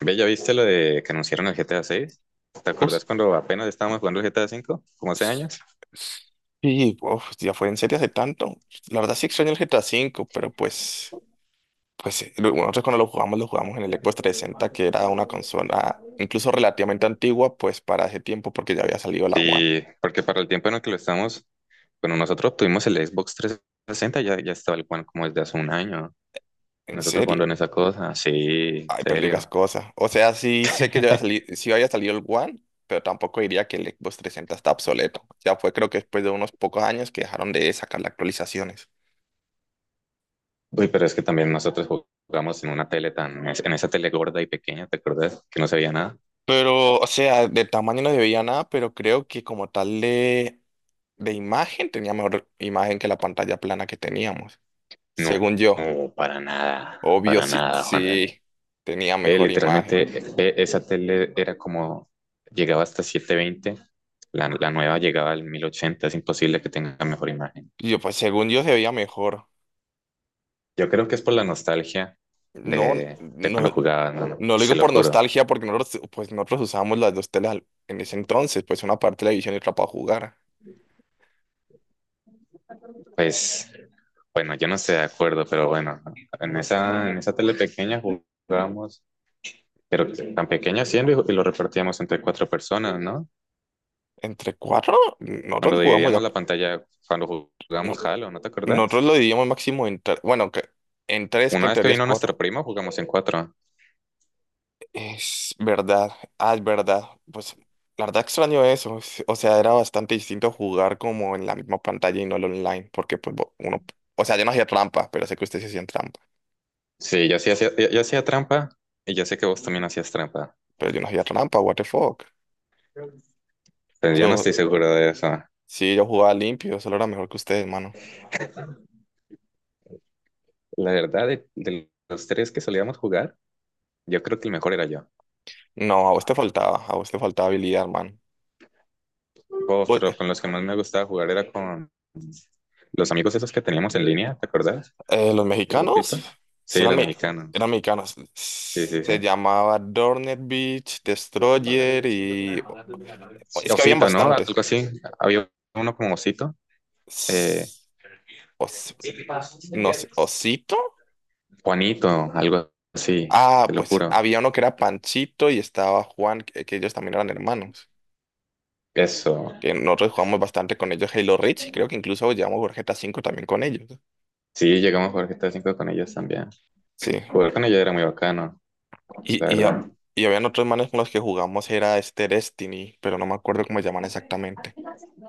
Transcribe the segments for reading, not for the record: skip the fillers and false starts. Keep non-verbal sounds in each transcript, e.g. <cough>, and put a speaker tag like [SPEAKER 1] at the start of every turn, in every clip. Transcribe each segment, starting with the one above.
[SPEAKER 1] Ve, ¿ya viste lo de que anunciaron el GTA 6? ¿Te
[SPEAKER 2] Us-
[SPEAKER 1] acuerdas cuando apenas estábamos jugando el GTA 5 como hace
[SPEAKER 2] s-
[SPEAKER 1] años?
[SPEAKER 2] s- Sí, uf, ya fue en serie hace tanto. La verdad sí extraño el GTA V, pero pues, bueno, nosotros cuando lo jugamos en el Xbox 360, que era una consola incluso relativamente antigua, pues para ese tiempo, porque ya había salido la One.
[SPEAKER 1] Sí, porque para el tiempo en el que lo estamos, bueno, nosotros obtuvimos el Xbox 360, ya estaba el One como desde hace un año.
[SPEAKER 2] En
[SPEAKER 1] Nosotros jugando
[SPEAKER 2] serie.
[SPEAKER 1] en esa cosa, sí,
[SPEAKER 2] Ay, pero no digas
[SPEAKER 1] serio.
[SPEAKER 2] cosas. O sea, sí sé que ya había salido,
[SPEAKER 1] <laughs>
[SPEAKER 2] sí había salido el One, pero tampoco diría que el Xbox 360 está obsoleto. Ya fue creo que después de unos pocos años que dejaron de sacar las actualizaciones.
[SPEAKER 1] Uy, pero es que también nosotros jugamos en esa tele gorda y pequeña, ¿te acuerdas? Que no se veía nada.
[SPEAKER 2] Pero, o sea, de tamaño no se veía nada, pero creo que como tal de imagen tenía mejor imagen que la pantalla plana que teníamos.
[SPEAKER 1] No,
[SPEAKER 2] Según yo,
[SPEAKER 1] no,
[SPEAKER 2] obvio,
[SPEAKER 1] para
[SPEAKER 2] sí,
[SPEAKER 1] nada, Juan Dani.
[SPEAKER 2] sí tenía
[SPEAKER 1] Ve,
[SPEAKER 2] mejor
[SPEAKER 1] literalmente,
[SPEAKER 2] imagen.
[SPEAKER 1] ve, esa tele era como, llegaba hasta 720. La nueva llegaba al 1080. Es imposible que tenga mejor imagen.
[SPEAKER 2] Y yo, pues según yo se veía mejor.
[SPEAKER 1] Yo creo que es por la nostalgia
[SPEAKER 2] No,
[SPEAKER 1] de cuando
[SPEAKER 2] no,
[SPEAKER 1] jugaba, ¿no?
[SPEAKER 2] no lo
[SPEAKER 1] Se
[SPEAKER 2] digo
[SPEAKER 1] lo
[SPEAKER 2] por
[SPEAKER 1] juro.
[SPEAKER 2] nostalgia, porque nosotros, pues nosotros usábamos las dos telas en ese entonces, pues una para televisión y otra para jugar.
[SPEAKER 1] Pues, bueno, yo no estoy de acuerdo, pero bueno, en esa tele pequeña jugábamos, pero tan pequeña siendo y lo repartíamos entre cuatro personas, ¿no?
[SPEAKER 2] Entre cuatro, nosotros
[SPEAKER 1] Cuando
[SPEAKER 2] no jugamos, de
[SPEAKER 1] dividíamos
[SPEAKER 2] a-
[SPEAKER 1] la pantalla, cuando
[SPEAKER 2] no-
[SPEAKER 1] jugábamos Halo, ¿no te
[SPEAKER 2] nosotros
[SPEAKER 1] acordás?
[SPEAKER 2] lo dividíamos máximo en tres, bueno, que, en tres, que
[SPEAKER 1] Una
[SPEAKER 2] en
[SPEAKER 1] vez que
[SPEAKER 2] teoría es
[SPEAKER 1] vino nuestro
[SPEAKER 2] cuatro.
[SPEAKER 1] primo, jugamos en cuatro.
[SPEAKER 2] Es verdad, ah, es verdad. Pues la verdad extraño eso. O sea, era bastante distinto jugar como en la misma pantalla y no el online, porque pues uno, o sea, yo no hacía trampa, pero sé que ustedes sí hacían trampa,
[SPEAKER 1] Sí, yo hacía trampa y yo sé que vos también hacías trampa.
[SPEAKER 2] pero yo no hacía trampa, what the fuck.
[SPEAKER 1] Pero yo no
[SPEAKER 2] Yo,
[SPEAKER 1] estoy seguro de eso.
[SPEAKER 2] sí, yo jugaba limpio, solo era mejor que ustedes, mano.
[SPEAKER 1] La verdad, de los tres que solíamos jugar, yo creo que el mejor era yo.
[SPEAKER 2] No, a vos te faltaba, a vos te faltaba habilidad, man.
[SPEAKER 1] Oh,
[SPEAKER 2] Vos-
[SPEAKER 1] pero con los que más me gustaba jugar era con los amigos esos que teníamos en línea, ¿te acordás?
[SPEAKER 2] los
[SPEAKER 1] El grupito.
[SPEAKER 2] mexicanos, sí
[SPEAKER 1] Sí,
[SPEAKER 2] eran,
[SPEAKER 1] los mexicanos.
[SPEAKER 2] eran mexicanos.
[SPEAKER 1] Sí, sí,
[SPEAKER 2] Se
[SPEAKER 1] sí.
[SPEAKER 2] llamaba Dornet Beach, Destroyer y es que habían
[SPEAKER 1] Osito, ¿no?
[SPEAKER 2] bastantes.
[SPEAKER 1] Algo así. Había uno como Osito. eh,
[SPEAKER 2] Os, no sé, Osito.
[SPEAKER 1] Juanito, algo así, te
[SPEAKER 2] Ah,
[SPEAKER 1] lo
[SPEAKER 2] pues
[SPEAKER 1] juro.
[SPEAKER 2] había uno que era Panchito y estaba Juan, que ellos también eran hermanos.
[SPEAKER 1] Eso.
[SPEAKER 2] Que nosotros jugamos bastante con ellos Halo Reach y creo que incluso llevamos Gorjeta 5 también con ellos, ¿no?
[SPEAKER 1] Sí, llegamos a jugar GTA 5 con ellos también.
[SPEAKER 2] Sí.
[SPEAKER 1] Jugar con ella era muy bacano,
[SPEAKER 2] Y,
[SPEAKER 1] la
[SPEAKER 2] y, ha-
[SPEAKER 1] verdad.
[SPEAKER 2] y habían otros manes con los que jugamos, era este Destiny, pero no me acuerdo cómo se llaman exactamente.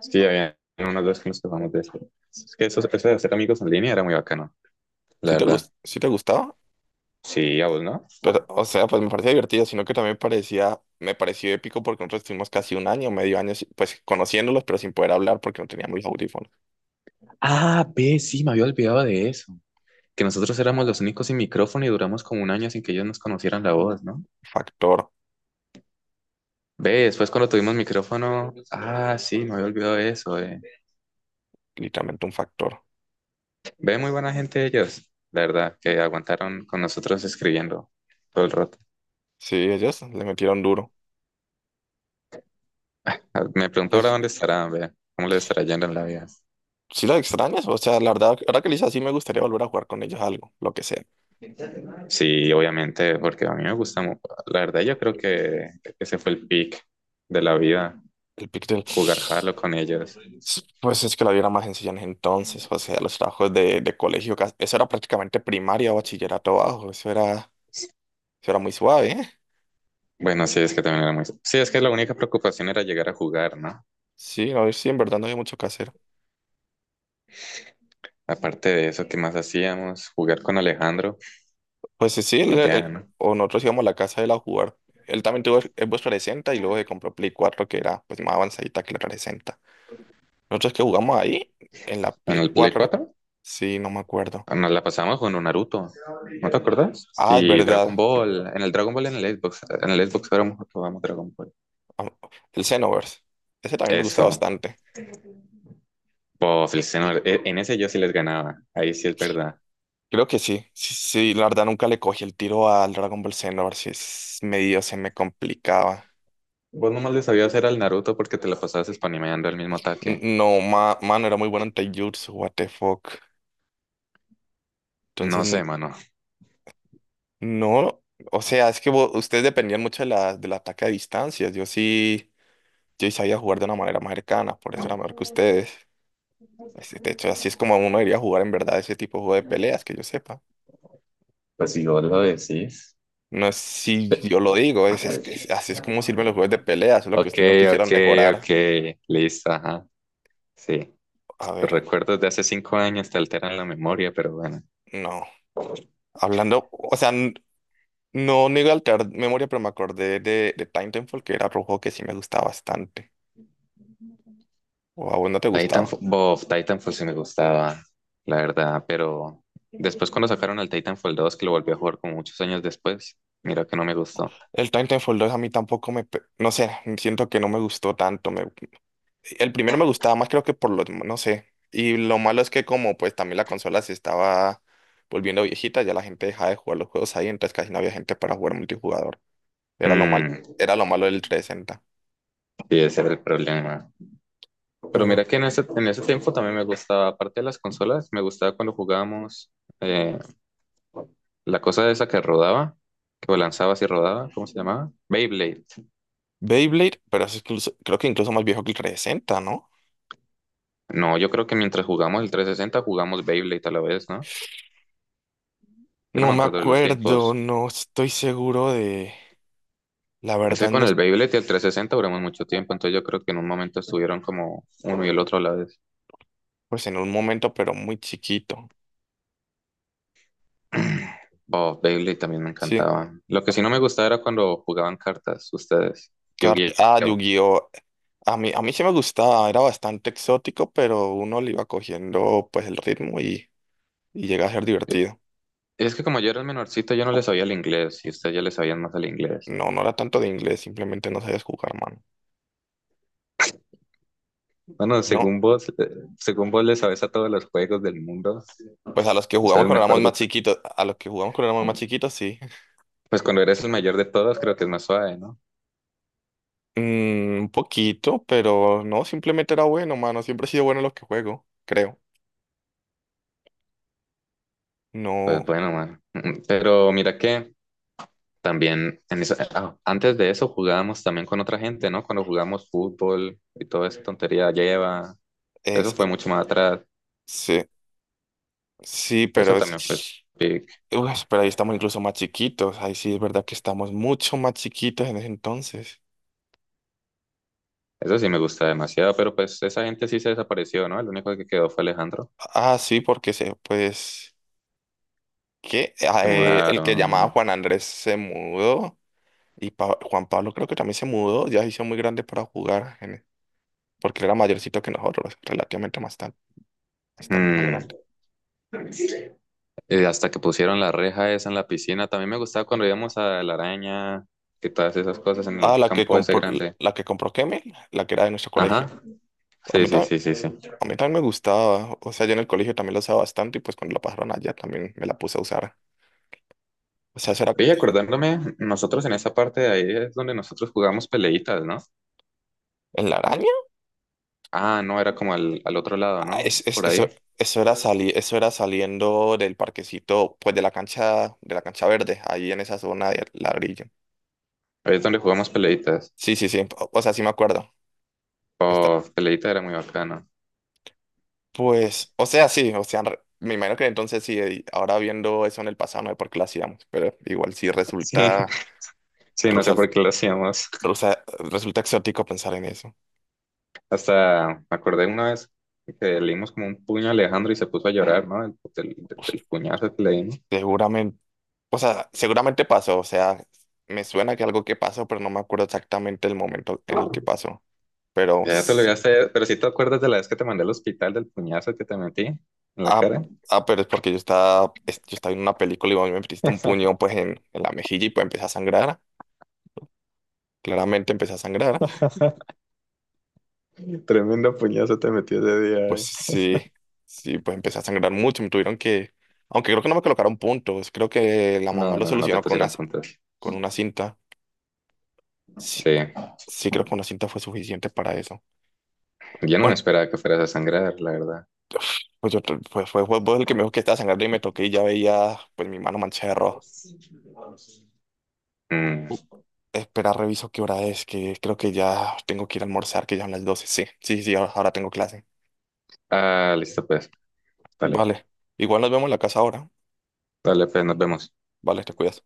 [SPEAKER 1] Sí, había unos dos que nos topamos de eso. Es que eso de hacer amigos en línea era muy bacano, la
[SPEAKER 2] ¿Sí te
[SPEAKER 1] verdad.
[SPEAKER 2] gus- sí te gustaba?
[SPEAKER 1] Sí, a vos, ¿no?
[SPEAKER 2] Pero, o sea, pues me parecía divertido, sino que también me pareció épico porque nosotros estuvimos casi un año, medio año, pues conociéndolos, pero sin poder hablar porque no teníamos los audífonos.
[SPEAKER 1] Ah, ve, sí, me había olvidado de eso. Que nosotros éramos los únicos sin micrófono y duramos como un año sin que ellos nos conocieran la voz, ¿no?
[SPEAKER 2] Factor,
[SPEAKER 1] Ve, después cuando tuvimos micrófono. Ah, sí, me había olvidado de eso.
[SPEAKER 2] literalmente un factor.
[SPEAKER 1] Ve, muy buena gente ellos, la verdad, que aguantaron con nosotros escribiendo todo el rato.
[SPEAKER 2] Sí, ellas le metieron duro.
[SPEAKER 1] Ah, me pregunto ahora
[SPEAKER 2] Pues
[SPEAKER 1] dónde estarán, ve, cómo les estará yendo en la vida.
[SPEAKER 2] sí las extrañas, o sea, la verdad, ahora que le hice así me gustaría volver a jugar con ellas algo, lo que sea.
[SPEAKER 1] Sí, obviamente, porque a mí me gusta, la verdad yo creo que ese fue el pick de la vida,
[SPEAKER 2] El Pictel,
[SPEAKER 1] jugar Halo con ellos.
[SPEAKER 2] pues es que la vida era más sencilla en ese entonces, o sea, los trabajos de colegio, eso era prácticamente primaria o bachillerato bajo, eso era muy suave, ¿eh?
[SPEAKER 1] Bueno, sí, es que también era muy. Sí, es que la única preocupación era llegar a jugar, ¿no?
[SPEAKER 2] Sí, no, sí, en verdad no había mucho que hacer.
[SPEAKER 1] Aparte de eso, ¿qué más hacíamos? Jugar con Alejandro
[SPEAKER 2] Pues sí, sí,
[SPEAKER 1] y ya, ¿no?
[SPEAKER 2] o nosotros íbamos a la casa de él a jugar. Él también tuvo Xbox 360 y luego se compró Play 4, que era pues más avanzadita que la 360. Nosotros que jugamos ahí en la
[SPEAKER 1] En
[SPEAKER 2] Play
[SPEAKER 1] el Play
[SPEAKER 2] cuatro
[SPEAKER 1] cuatro,
[SPEAKER 2] Sí, no me acuerdo.
[SPEAKER 1] nos la pasamos con un Naruto, ¿no te acuerdas?
[SPEAKER 2] Ah, es
[SPEAKER 1] Y Dragon
[SPEAKER 2] verdad.
[SPEAKER 1] Ball, en el Dragon Ball en el Xbox éramos jugábamos Dragon Ball.
[SPEAKER 2] Am- El Xenoverse. Ese también me gusta
[SPEAKER 1] Eso,
[SPEAKER 2] bastante.
[SPEAKER 1] pues, el señor, en ese yo sí les ganaba, ahí sí es verdad.
[SPEAKER 2] Creo que sí. Sí, sí, la verdad nunca le cogí el tiro al Dragon Ball Xenoverse. Es medio se me complicaba.
[SPEAKER 1] Vos nomás le sabías hacer al Naruto porque te la pasabas spanimeando el mismo ataque.
[SPEAKER 2] No, mano, era muy bueno en Taijutsu, what the fuck. Entonces,
[SPEAKER 1] No sé, mano.
[SPEAKER 2] no. O sea, es que ustedes dependían mucho del ataque a distancias. Yo sí, yo sí sabía jugar de una manera más cercana, por eso era mejor que ustedes. De hecho, así es como uno debería jugar en verdad ese tipo de juego de peleas, que yo sepa.
[SPEAKER 1] Pues si vos lo decís.
[SPEAKER 2] No es si
[SPEAKER 1] Ve-
[SPEAKER 2] yo lo digo, es que así es como sirven los juegos de peleas, solo que
[SPEAKER 1] Ok,
[SPEAKER 2] ustedes no quisieron
[SPEAKER 1] ok, ok.
[SPEAKER 2] mejorar.
[SPEAKER 1] Listo, ajá. Sí.
[SPEAKER 2] A
[SPEAKER 1] Tus
[SPEAKER 2] ver,
[SPEAKER 1] recuerdos de hace 5 años te alteran la memoria, pero bueno.
[SPEAKER 2] no. Hablando, o sea, no niego alterar memoria, pero me acordé de Titanfall, que era otro juego que sí me gustaba bastante. O a vos no te gustaba.
[SPEAKER 1] Titanfall sí me gustaba, la verdad, pero después cuando sacaron el Titanfall 2 que lo volví a jugar como muchos años después, mira que no me gustó.
[SPEAKER 2] El Titanfall 2 a mí tampoco me, no sé, siento que no me gustó tanto. El primero me gustaba más, creo que por los, no sé. Y lo malo es que como pues también la consola se estaba volviendo viejita, ya la gente dejaba de jugar los juegos ahí, entonces casi no había gente para jugar multijugador. Era lo mal,
[SPEAKER 1] Mm,
[SPEAKER 2] era lo malo del 360.
[SPEAKER 1] sí, ese era el problema. Pero
[SPEAKER 2] Pero
[SPEAKER 1] mira que en ese tiempo también me gustaba, aparte de las consolas, me gustaba cuando jugábamos eh, la cosa esa que rodaba, que lanzabas y rodaba, ¿cómo se llamaba? Beyblade.
[SPEAKER 2] Beyblade, pero es creo que incluso más viejo que el 360, ¿no?
[SPEAKER 1] No, yo creo que mientras jugamos el 360 jugamos Beyblade a la vez, ¿no? Yo no
[SPEAKER 2] No
[SPEAKER 1] me
[SPEAKER 2] me
[SPEAKER 1] acuerdo de los
[SPEAKER 2] acuerdo,
[SPEAKER 1] tiempos.
[SPEAKER 2] no estoy seguro de, la
[SPEAKER 1] Es que
[SPEAKER 2] verdad
[SPEAKER 1] con
[SPEAKER 2] no,
[SPEAKER 1] el Beyblade y el 360 duramos mucho tiempo, entonces yo creo que en un momento estuvieron como uno y el otro a la vez.
[SPEAKER 2] pues en un momento, pero muy chiquito.
[SPEAKER 1] Oh, Beyblade también me
[SPEAKER 2] Sí,
[SPEAKER 1] encantaba. Lo que sí no me gustaba era cuando jugaban cartas ustedes,
[SPEAKER 2] Ah,
[SPEAKER 1] Yu-Gi-Oh.
[SPEAKER 2] Yu-Gi-Oh! A mí sí me gustaba, era bastante exótico, pero uno le iba cogiendo pues el ritmo y llega a ser divertido.
[SPEAKER 1] Es que como yo era el menorcito, yo no le sabía el inglés y ustedes ya le sabían más el inglés.
[SPEAKER 2] No, no era tanto de inglés, simplemente no sabías jugar, mano.
[SPEAKER 1] Bueno,
[SPEAKER 2] No,
[SPEAKER 1] según vos le sabes a todos los juegos del mundo,
[SPEAKER 2] pues a los que
[SPEAKER 1] y
[SPEAKER 2] jugamos
[SPEAKER 1] sabes
[SPEAKER 2] cuando éramos
[SPEAKER 1] mejor de
[SPEAKER 2] más
[SPEAKER 1] to-
[SPEAKER 2] chiquitos, a los que jugamos cuando éramos más chiquitos, sí. <laughs>
[SPEAKER 1] Pues cuando eres el mayor de todos, creo que es más suave, ¿no?
[SPEAKER 2] Mm, un poquito, pero no, simplemente era bueno, mano. Siempre he sido bueno en lo que juego, creo. No,
[SPEAKER 1] Pues bueno, man. Pero mira que también, antes de eso jugábamos también con otra gente, ¿no? Cuando jugábamos fútbol y toda esa tontería lleva, eso
[SPEAKER 2] es,
[SPEAKER 1] fue mucho más atrás.
[SPEAKER 2] sí, sí, pero
[SPEAKER 1] Eso
[SPEAKER 2] es.
[SPEAKER 1] también fue pic.
[SPEAKER 2] Uf, pero ahí estamos incluso más chiquitos, ahí sí es verdad que estamos mucho más chiquitos en ese entonces.
[SPEAKER 1] Eso sí me gusta demasiado, pero pues esa gente sí se desapareció, ¿no? El único que quedó fue Alejandro.
[SPEAKER 2] Ah, sí, porque que
[SPEAKER 1] Se
[SPEAKER 2] el que llamaba
[SPEAKER 1] mudaron.
[SPEAKER 2] Juan Andrés se mudó y Juan Pablo creo que también se mudó, ya se hizo muy grande para jugar, porque él era mayorcito que nosotros, relativamente bastante más
[SPEAKER 1] Mm,
[SPEAKER 2] grande.
[SPEAKER 1] Hasta que pusieron la reja esa en la piscina. También me gustaba cuando íbamos a la araña y todas esas cosas en
[SPEAKER 2] Ah,
[SPEAKER 1] el
[SPEAKER 2] la que
[SPEAKER 1] campo ese
[SPEAKER 2] compró,
[SPEAKER 1] grande.
[SPEAKER 2] la que compró Kemel, la que era de nuestro colegio.
[SPEAKER 1] Ajá.
[SPEAKER 2] A
[SPEAKER 1] Sí,
[SPEAKER 2] mí,
[SPEAKER 1] sí,
[SPEAKER 2] ta-
[SPEAKER 1] sí, sí, sí.
[SPEAKER 2] a mí también me gustaba, o sea, yo en el colegio también la usaba bastante y pues cuando la pasaron allá también me la puse a usar. O sea, eso era
[SPEAKER 1] Y acordándome, nosotros en esa parte de ahí es donde nosotros jugamos peleitas, ¿no?
[SPEAKER 2] en la.
[SPEAKER 1] Ah, no, era como al otro lado,
[SPEAKER 2] Ah,
[SPEAKER 1] ¿no? Por ahí.
[SPEAKER 2] eso, eso era saliendo del parquecito, pues de la cancha, verde, ahí en esa zona de ladrillo.
[SPEAKER 1] Ahí es donde jugamos peleitas.
[SPEAKER 2] Sí, sí, sí. O sea, sí me acuerdo. Está,
[SPEAKER 1] Oh, peleita era muy bacano.
[SPEAKER 2] pues, o sea, sí, o sea, me imagino que entonces sí, ahora viendo eso en el pasado, no sé por qué lo hacíamos, pero igual sí
[SPEAKER 1] Sí, <laughs> sí, no
[SPEAKER 2] rusa-
[SPEAKER 1] sé por qué lo hacíamos.
[SPEAKER 2] rusa- resulta exótico pensar en eso.
[SPEAKER 1] Hasta me acordé una vez que le dimos como un puño a Alejandro y se puso a llorar, ¿no? Del, del- del puñazo que le dimos.
[SPEAKER 2] Seguramente, o sea, seguramente pasó, o sea, me suena que algo que pasó, pero no me acuerdo exactamente el momento en el que pasó, pero.
[SPEAKER 1] Ya te lo voy a hacer, pero si te acuerdas de la vez que te mandé al hospital del puñazo que te metí en la
[SPEAKER 2] Ah,
[SPEAKER 1] cara.
[SPEAKER 2] ah, pero es porque yo estaba en una película y vos me metiste un
[SPEAKER 1] <laughs>
[SPEAKER 2] puño pues en la mejilla y pues empecé a sangrar. Claramente empecé a sangrar.
[SPEAKER 1] Tremendo puñazo te metí ese día.
[SPEAKER 2] Pues
[SPEAKER 1] eh.
[SPEAKER 2] sí, sí, pues empecé a sangrar mucho. Me tuvieron que, aunque creo que no me colocaron puntos, creo que la mamá
[SPEAKER 1] No,
[SPEAKER 2] lo
[SPEAKER 1] no, no te
[SPEAKER 2] solucionó con una,
[SPEAKER 1] pusieron
[SPEAKER 2] c-
[SPEAKER 1] puntos.
[SPEAKER 2] con una cinta. Sí,
[SPEAKER 1] Sí,
[SPEAKER 2] sí, creo que una cinta fue suficiente para eso.
[SPEAKER 1] yo no me
[SPEAKER 2] Bueno,
[SPEAKER 1] esperaba que fueras a sangrar, la verdad.
[SPEAKER 2] pues, pues fue vos el que me dijo que estaba sangrando y me toqué y ya veía pues mi mano manchada de rojo.
[SPEAKER 1] Mm.
[SPEAKER 2] Uh, Espera, reviso qué hora es, que creo que ya tengo que ir a almorzar, que ya son las 12. Sí, sí, sí, ahora tengo clase.
[SPEAKER 1] Ah, listo, pues. Dale,
[SPEAKER 2] Vale. Igual nos vemos en la casa ahora.
[SPEAKER 1] dale, pues nos vemos.
[SPEAKER 2] Vale, te cuidas.